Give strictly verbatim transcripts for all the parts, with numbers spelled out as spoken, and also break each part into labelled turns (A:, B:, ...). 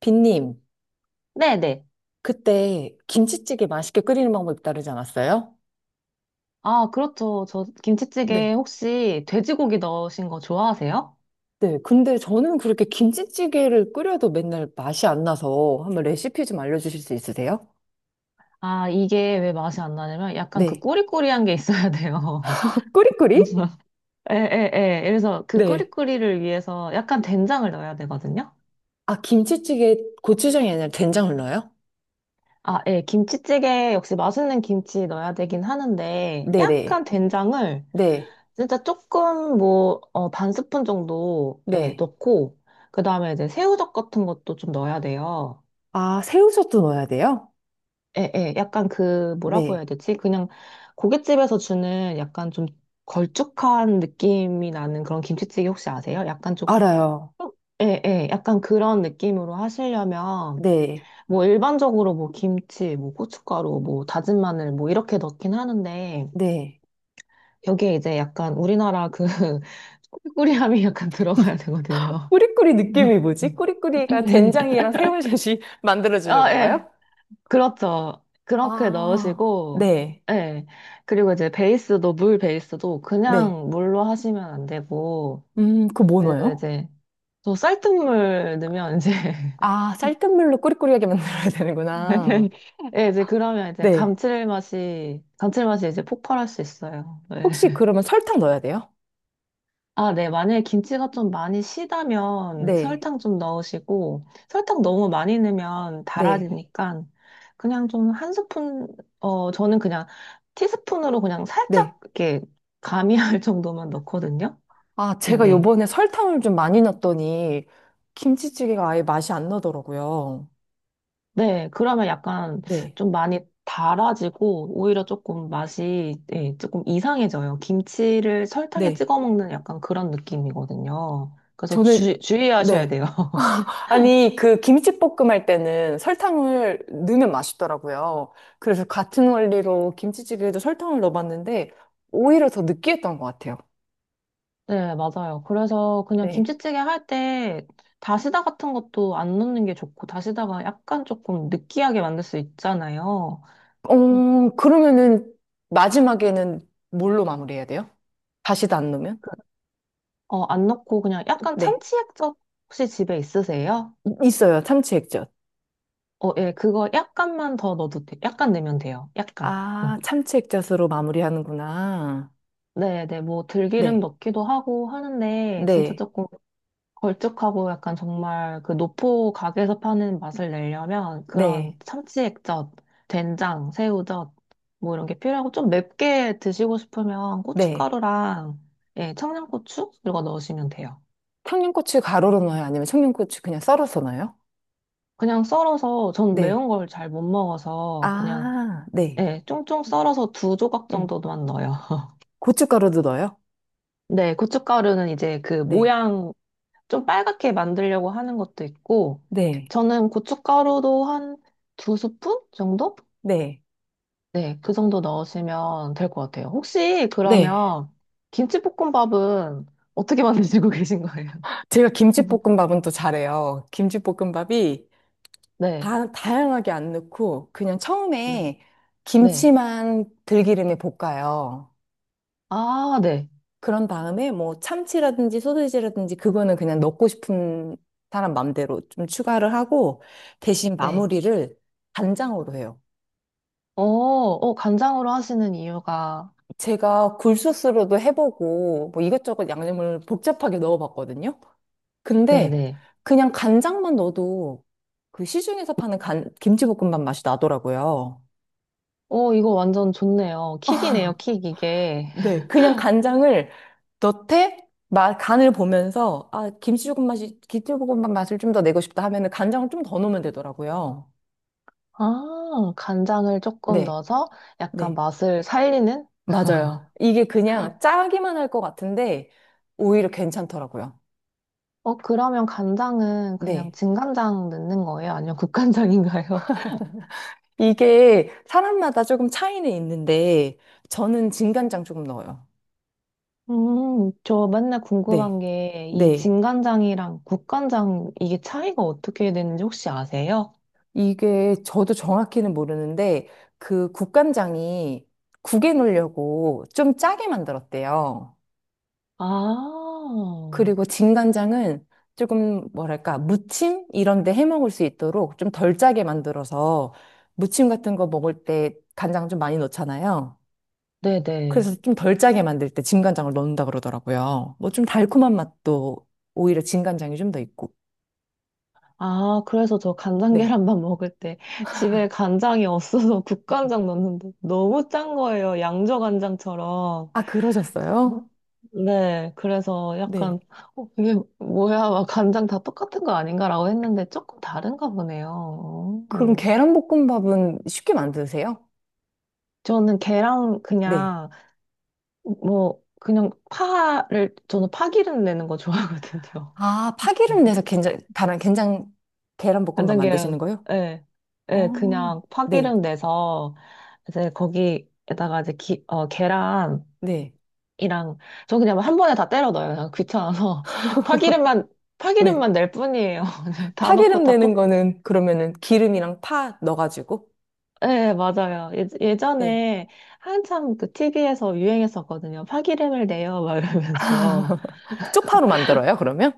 A: 빈님,
B: 네네.
A: 그때 김치찌개 맛있게 끓이는 방법이 다르지 않았어요?
B: 아, 그렇죠. 저
A: 네.
B: 김치찌개 혹시 돼지고기 넣으신 거 좋아하세요?
A: 네, 근데 저는 그렇게 김치찌개를 끓여도 맨날 맛이 안 나서 한번 레시피 좀 알려주실 수 있으세요?
B: 아, 이게 왜 맛이 안 나냐면 약간 그
A: 네.
B: 꼬리꼬리한 게 있어야 돼요.
A: 그 꾸리꾸리?
B: 예, 예, 예. 그래서 그
A: 네.
B: 꾸리꾸리를 위해서 약간 된장을 넣어야 되거든요.
A: 아, 김치찌개 고추장이 아니라 된장을 넣어요?
B: 아, 예. 김치찌개 역시 맛있는 김치 넣어야 되긴 하는데 약간
A: 네네.
B: 된장을
A: 네.
B: 진짜 조금 뭐, 어, 반 스푼 정도 예,
A: 네.
B: 넣고 그다음에 이제 새우젓 같은 것도 좀 넣어야 돼요.
A: 아, 새우젓도 넣어야 돼요?
B: 에, 에, 약간 그, 뭐라고 해야
A: 네.
B: 되지? 그냥 고깃집에서 주는 약간 좀 걸쭉한 느낌이 나는 그런 김치찌개 혹시 아세요? 약간 좀,
A: 알아요.
B: 에, 에, 약간 그런 느낌으로 하시려면,
A: 네.
B: 뭐 일반적으로 뭐 김치, 뭐 고춧가루, 뭐 다진 마늘, 뭐 이렇게 넣긴 하는데,
A: 네.
B: 여기에 이제 약간 우리나라 그 꾸리리함이 약간 들어가야 되거든요.
A: 꾸리꾸리 느낌이 뭐지? 꾸리꾸리가 된장이랑 새우젓이 만들어주는
B: 아, 예.
A: 건가요?
B: 그렇죠. 그렇게
A: 아,
B: 넣으시고,
A: 네,
B: 예. 그리고 이제 베이스도, 물 베이스도
A: 네.
B: 그냥 물로 하시면 안 되고,
A: 음, 그
B: 그
A: 뭐넣어요?
B: 이제, 또 쌀뜨물 넣으면 이제,
A: 아, 쌀뜨물로 꾸리꾸리하게 만들어야 되는구나.
B: 예, 이제 그러면 이제
A: 네.
B: 감칠맛이, 감칠맛이 이제 폭발할 수 있어요. 예.
A: 혹시 그러면 설탕 넣어야 돼요?
B: 아, 네. 만약에 김치가 좀 많이 시다면
A: 네,
B: 설탕 좀 넣으시고, 설탕 너무 많이 넣으면
A: 네,
B: 달아지니까, 그냥 좀 한 스푼, 어, 저는 그냥 티스푼으로 그냥
A: 네.
B: 살짝 이렇게 가미할 정도만 넣거든요.
A: 아,
B: 음,
A: 제가
B: 네.
A: 요번에 설탕을 좀 많이 넣었더니 김치찌개가 아예 맛이 안 나더라고요.
B: 네. 그러면 약간
A: 네,
B: 좀 많이 달아지고, 오히려 조금 맛이, 예, 조금 이상해져요. 김치를 설탕에
A: 네.
B: 찍어 먹는 약간 그런 느낌이거든요. 그래서 주,
A: 저는,
B: 주의하셔야
A: 네.
B: 돼요.
A: 아니, 그 김치볶음 할 때는 설탕을 넣으면 맛있더라고요. 그래서 같은 원리로 김치찌개에도 설탕을 넣어봤는데 오히려 더 느끼했던 것 같아요.
B: 네, 맞아요. 그래서 그냥
A: 네.
B: 김치찌개 할 때 다시다 같은 것도 안 넣는 게 좋고, 다시다가 약간 조금 느끼하게 만들 수 있잖아요. 음.
A: 어, 그러면은 마지막에는 뭘로 마무리해야 돼요? 다시도 안 넣으면?
B: 어, 안 넣고 그냥 약간
A: 네.
B: 참치 액젓 혹시 집에 있으세요?
A: 이- 있어요. 참치 액젓.
B: 어, 예, 그거 약간만 더 넣어도 돼. 약간 넣으면 돼요. 약간. 음.
A: 아, 참치 액젓으로 마무리하는구나.
B: 네, 네, 뭐 들기름
A: 네.
B: 넣기도 하고 하는데, 진짜
A: 네.
B: 조금 걸쭉하고 약간 정말 그 노포 가게에서 파는 맛을 내려면
A: 네.
B: 그런 참치액젓, 된장, 새우젓 뭐 이런 게 필요하고 좀 맵게 드시고 싶으면
A: 네.
B: 고춧가루랑 예, 청양고추 이거 넣으시면 돼요.
A: 청양고추 가루로 넣어요? 아니면 청양고추 그냥 썰어서 넣어요?
B: 그냥 썰어서 전
A: 네.
B: 매운 걸 잘 못 먹어서 그냥
A: 아, 네.
B: 예, 쫑쫑 썰어서 두 조각
A: 음.
B: 정도만 넣어요.
A: 고춧가루도 넣어요?
B: 네, 고춧가루는 이제 그
A: 네.
B: 모양 좀 빨갛게 만들려고 하는 것도 있고
A: 네.
B: 저는 고춧가루도 한 두 스푼 정도?
A: 네.
B: 네, 그 정도 넣으시면 될 것 같아요. 혹시
A: 네.
B: 그러면 김치볶음밥은 어떻게 만드시고 계신 거예요?
A: 제가 김치볶음밥은 또 잘해요. 김치볶음밥이
B: 네,
A: 다, 다양하게 안 넣고 그냥
B: 네,
A: 처음에
B: 네.
A: 김치만 들기름에 볶아요.
B: 아, 네,
A: 그런 다음에 뭐 참치라든지 소시지라든지 그거는 그냥 넣고 싶은 사람 맘대로 좀 추가를 하고 대신
B: 네.
A: 마무리를 간장으로 해요.
B: 어, 어, 간장으로 하시는 이유가,
A: 제가 굴소스로도 해보고 뭐 이것저것 양념을 복잡하게 넣어봤거든요. 근데
B: 네네.
A: 그냥 간장만 넣어도 그 시중에서 파는 간, 김치볶음밥 맛이 나더라고요.
B: 어, 이거 완전 좋네요. 킥이네요, 킥, 이게.
A: 네, 그냥 간장을 넣되 마, 간을 보면서 아, 김치 조금 맛이 김치볶음밥 맛을 좀 더 내고 싶다 하면은 간장을 좀 더 넣으면 되더라고요.
B: 아, 간장을 조금
A: 네,
B: 넣어서 약간
A: 네,
B: 맛을 살리는?
A: 맞아요. 이게 그냥 짜기만 할 것 같은데 오히려 괜찮더라고요.
B: 어, 그러면 간장은 그냥
A: 네,
B: 진간장 넣는 거예요? 아니면 국간장인가요?
A: 이게 사람마다 조금 차이는 있는데 저는 진간장 조금 넣어요.
B: 음, 저 맨날
A: 네,
B: 궁금한 게, 이
A: 네.
B: 진간장이랑 국간장, 이게 차이가 어떻게 되는지 혹시 아세요?
A: 이게 저도 정확히는 모르는데 그 국간장이 국에 넣으려고 좀 짜게 만들었대요.
B: 아,
A: 그리고 진간장은 조금 뭐랄까 무침 이런 데 해 먹을 수 있도록 좀 덜 짜게 만들어서 무침 같은 거 먹을 때 간장 좀 많이 넣잖아요.
B: 네네.
A: 그래서 좀 덜 짜게 만들 때 진간장을 넣는다 그러더라고요. 뭐 좀 달콤한 맛도 오히려 진간장이 좀 더 있고.
B: 아, 그래서 저 간장
A: 네.
B: 계란밥 먹을 때 집에 간장이 없어서 국간장 넣었는데 너무 짠 거예요. 양조간장처럼.
A: 아, 그러셨어요?
B: 네, 그래서
A: 네.
B: 약간, 어, 이게 뭐야, 막 간장 다 똑같은 거 아닌가라고 했는데 조금 다른가 보네요.
A: 그럼
B: 어.
A: 계란볶음밥은 쉽게 만드세요?
B: 저는 계란
A: 네.
B: 그냥 뭐 그냥 파를 저는 파기름 내는 거 좋아하거든요.
A: 아, 파기름 내서 된장, 가랑, 된장, 계란볶음밥
B: 간장게랑
A: 만드시는 거요?
B: 예, 예,
A: 어,
B: 그냥
A: 네.
B: 파기름 내서 이제 거기에다가 이제 기, 어, 계란이랑
A: 네.
B: 저 그냥 한 번에 다 때려 넣어요. 그냥 귀찮아서 파기름만
A: 네.
B: 파기름만 낼 뿐이에요. 그냥 다 넣고
A: 파기름
B: 다
A: 내는
B: 볶.
A: 거는 그러면은 기름이랑 파 넣어가지고.
B: 예, 맞아요. 예,
A: 네.
B: 예전에 한참 그 티비에서 유행했었거든요. 파기름을 내요, 막 이러면서.
A: 쪽파로 만들어요, 그러면?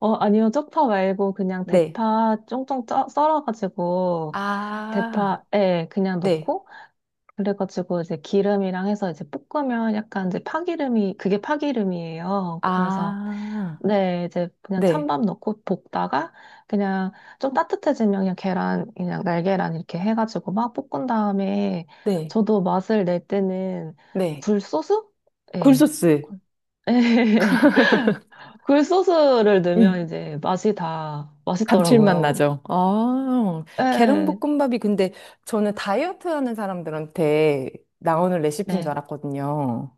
B: 어, 아니요. 쪽파 말고 그냥
A: 네.
B: 대파 쫑쫑 쪄- 썰어가지고
A: 아,
B: 대파에 그냥
A: 네.
B: 넣고 그래가지고 이제 기름이랑 해서 이제 볶으면 약간 이제 파기름이 그게 파기름이에요. 그래서
A: 아,
B: 네, 이제 그냥
A: 네.
B: 찬밥 넣고 볶다가 그냥 좀 따뜻해지면 그냥 계란 그냥 날계란 이렇게 해가지고 막 볶은 다음에
A: 네.
B: 저도 맛을 낼 때는
A: 네.
B: 굴소스? 예.
A: 굴소스.
B: 굴- 예. 굴소스를 넣으면
A: 음.
B: 이제 맛이 다
A: 감칠맛
B: 맛있더라고요.
A: 나죠? 아,
B: 네,
A: 계란볶음밥이 근데 저는 다이어트 하는 사람들한테 나오는 레시피인 줄
B: 네.
A: 알았거든요.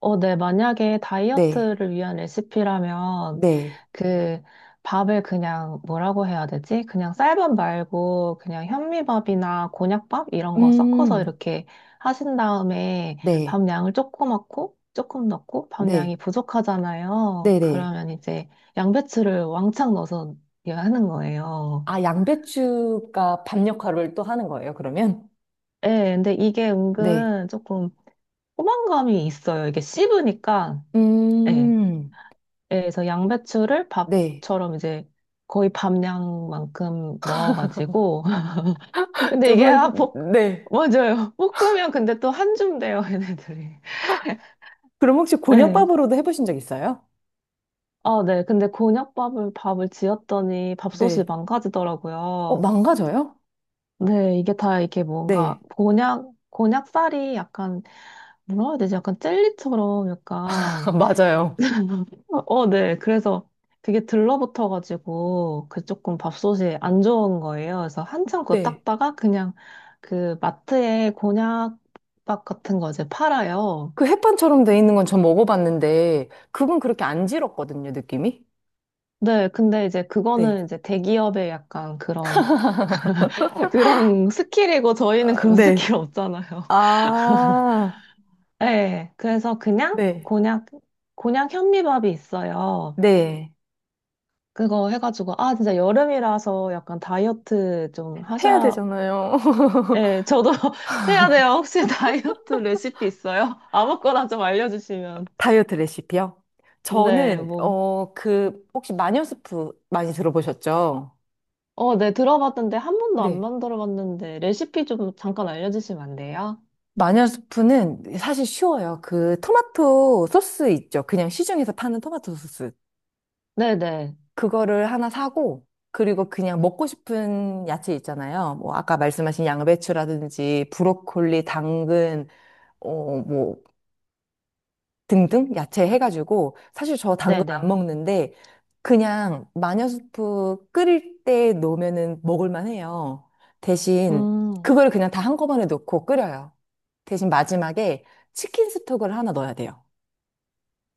B: 어, 네. 만약에
A: 네,
B: 다이어트를 위한 레시피라면
A: 네,
B: 그 밥을 그냥 뭐라고 해야 되지? 그냥 쌀밥 말고 그냥 현미밥이나 곤약밥 이런 거 섞어서
A: 음,
B: 이렇게 하신 다음에
A: 네,
B: 밥 양을 조금 넣고 조금 넣고 밥
A: 네,
B: 양이 부족하잖아요.
A: 네네,
B: 그러면 이제 양배추를 왕창 넣어서 하는 거예요.
A: 아, 양배추가 밥 역할을 또 하는 거예요, 그러면?
B: 예, 근데 이게
A: 네,
B: 은근 조금 포만감이 있어요. 이게 씹으니까. 예.
A: 음,
B: 예, 그래서 양배추를
A: 네.
B: 밥처럼 이제 거의 밥량만큼 넣어가지고. 근데 이게
A: 좀,
B: 아, 볶,
A: 네.
B: 맞아요. 볶으면 근데 또 한줌 돼요, 얘네들이.
A: 그럼 혹시
B: 네.
A: 곤약밥으로도 해보신 적 있어요?
B: 아, 네. 근데 곤약밥을 밥을 지었더니 밥솥이
A: 네, 어,
B: 망가지더라고요.
A: 망가져요?
B: 네, 이게 다 이렇게 뭔가
A: 네,
B: 곤약 곤약살이 약간 뭐라 해야 되지? 약간 젤리처럼 약간
A: 맞아요.
B: 어, 어, 네. 그래서 되게 들러붙어가지고 그 조금 밥솥이 안 좋은 거예요. 그래서 한참 그거
A: 네.
B: 닦다가 그냥 그 마트에 곤약밥 같은 거 이제 팔아요.
A: 그 햇반처럼 돼 있는 건 전 먹어봤는데, 그건 그렇게 안 질었거든요, 느낌이.
B: 네. 근데 이제
A: 네,
B: 그거는 이제 대기업의 약간 그런, 그런 스킬이고 저희는
A: 아,
B: 그런
A: 네.
B: 스킬 없잖아요.
A: 아,
B: 네. 그래서 그냥
A: 네.
B: 곤약, 곤약 현미밥이 있어요.
A: 네.
B: 그거 해가지고, 아, 진짜 여름이라서 약간 다이어트 좀
A: 해야
B: 하셔,
A: 되잖아요.
B: 예, 저도 해야 돼요. 혹시 다이어트 레시피 있어요? 아무거나 좀 알려주시면.
A: 다이어트 레시피요?
B: 네,
A: 저는,
B: 뭐.
A: 어, 그, 혹시 마녀스프 많이 들어보셨죠?
B: 어, 네, 들어봤는데 한 번도 안
A: 네.
B: 만들어 봤는데 레시피 좀 잠깐 알려주시면 안 돼요?
A: 마녀스프는 사실 쉬워요. 그 토마토 소스 있죠. 그냥 시중에서 파는 토마토 소스.
B: 네네.
A: 그거를 하나 사고, 그리고 그냥 먹고 싶은 야채 있잖아요. 뭐, 아까 말씀하신 양배추라든지, 브로콜리, 당근, 어, 뭐, 등등 야채 해가지고 사실 저 당근
B: 네네.
A: 안 먹는데 그냥 마녀수프 끓일 때 넣으면은 먹을만 해요. 대신
B: 음.
A: 그걸 그냥 다 한꺼번에 넣고 끓여요. 대신 마지막에 치킨 스톡을 하나 넣어야 돼요.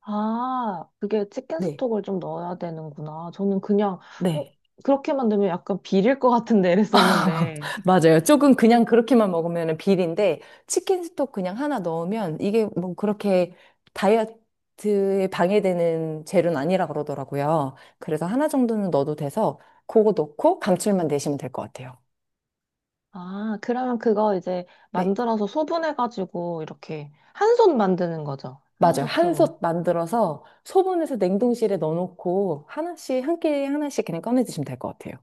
B: 아, 그게 치킨
A: 네.
B: 스톡을 좀 넣어야 되는구나. 저는 그냥, 어,
A: 네.
B: 그렇게 만들면 약간 비릴 것 같은데 이랬었는데.
A: 맞아요. 조금 그냥 그렇게만 먹으면 비린데 치킨 스톡 그냥 하나 넣으면 이게 뭐 그렇게 다이어트에 방해되는 재료는 아니라 그러더라고요. 그래서 하나 정도는 넣어도 돼서 그거 넣고 감칠맛 내시면 될 것 같아요.
B: 아, 그러면 그거 이제
A: 네.
B: 만들어서 소분해가지고 이렇게 한 손 만드는 거죠. 한
A: 맞아요.
B: 소트로.
A: 한솥 만들어서 소분해서 냉동실에 넣어놓고 하나씩 한 끼 하나씩 그냥 꺼내 드시면 될 것 같아요.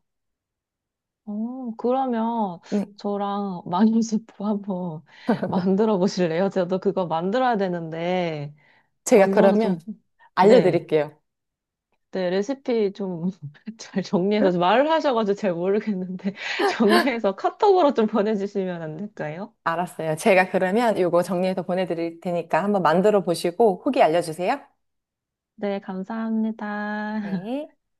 B: 어, 그러면
A: 네.
B: 저랑 마녀수프 한번 만들어 보실래요? 저도 그거 만들어야 되는데,
A: 제가
B: 만들어서
A: 그러면
B: 좀, 네.
A: 알려드릴게요.
B: 네, 레시피 좀 잘 정리해서 말을 하셔가지고 잘 모르겠는데, 정리해서 카톡으로 좀 보내주시면 안 될까요?
A: 알았어요. 제가 그러면 이거 정리해서 보내드릴 테니까 한번 만들어 보시고 후기 알려주세요.
B: 네, 감사합니다.
A: 네.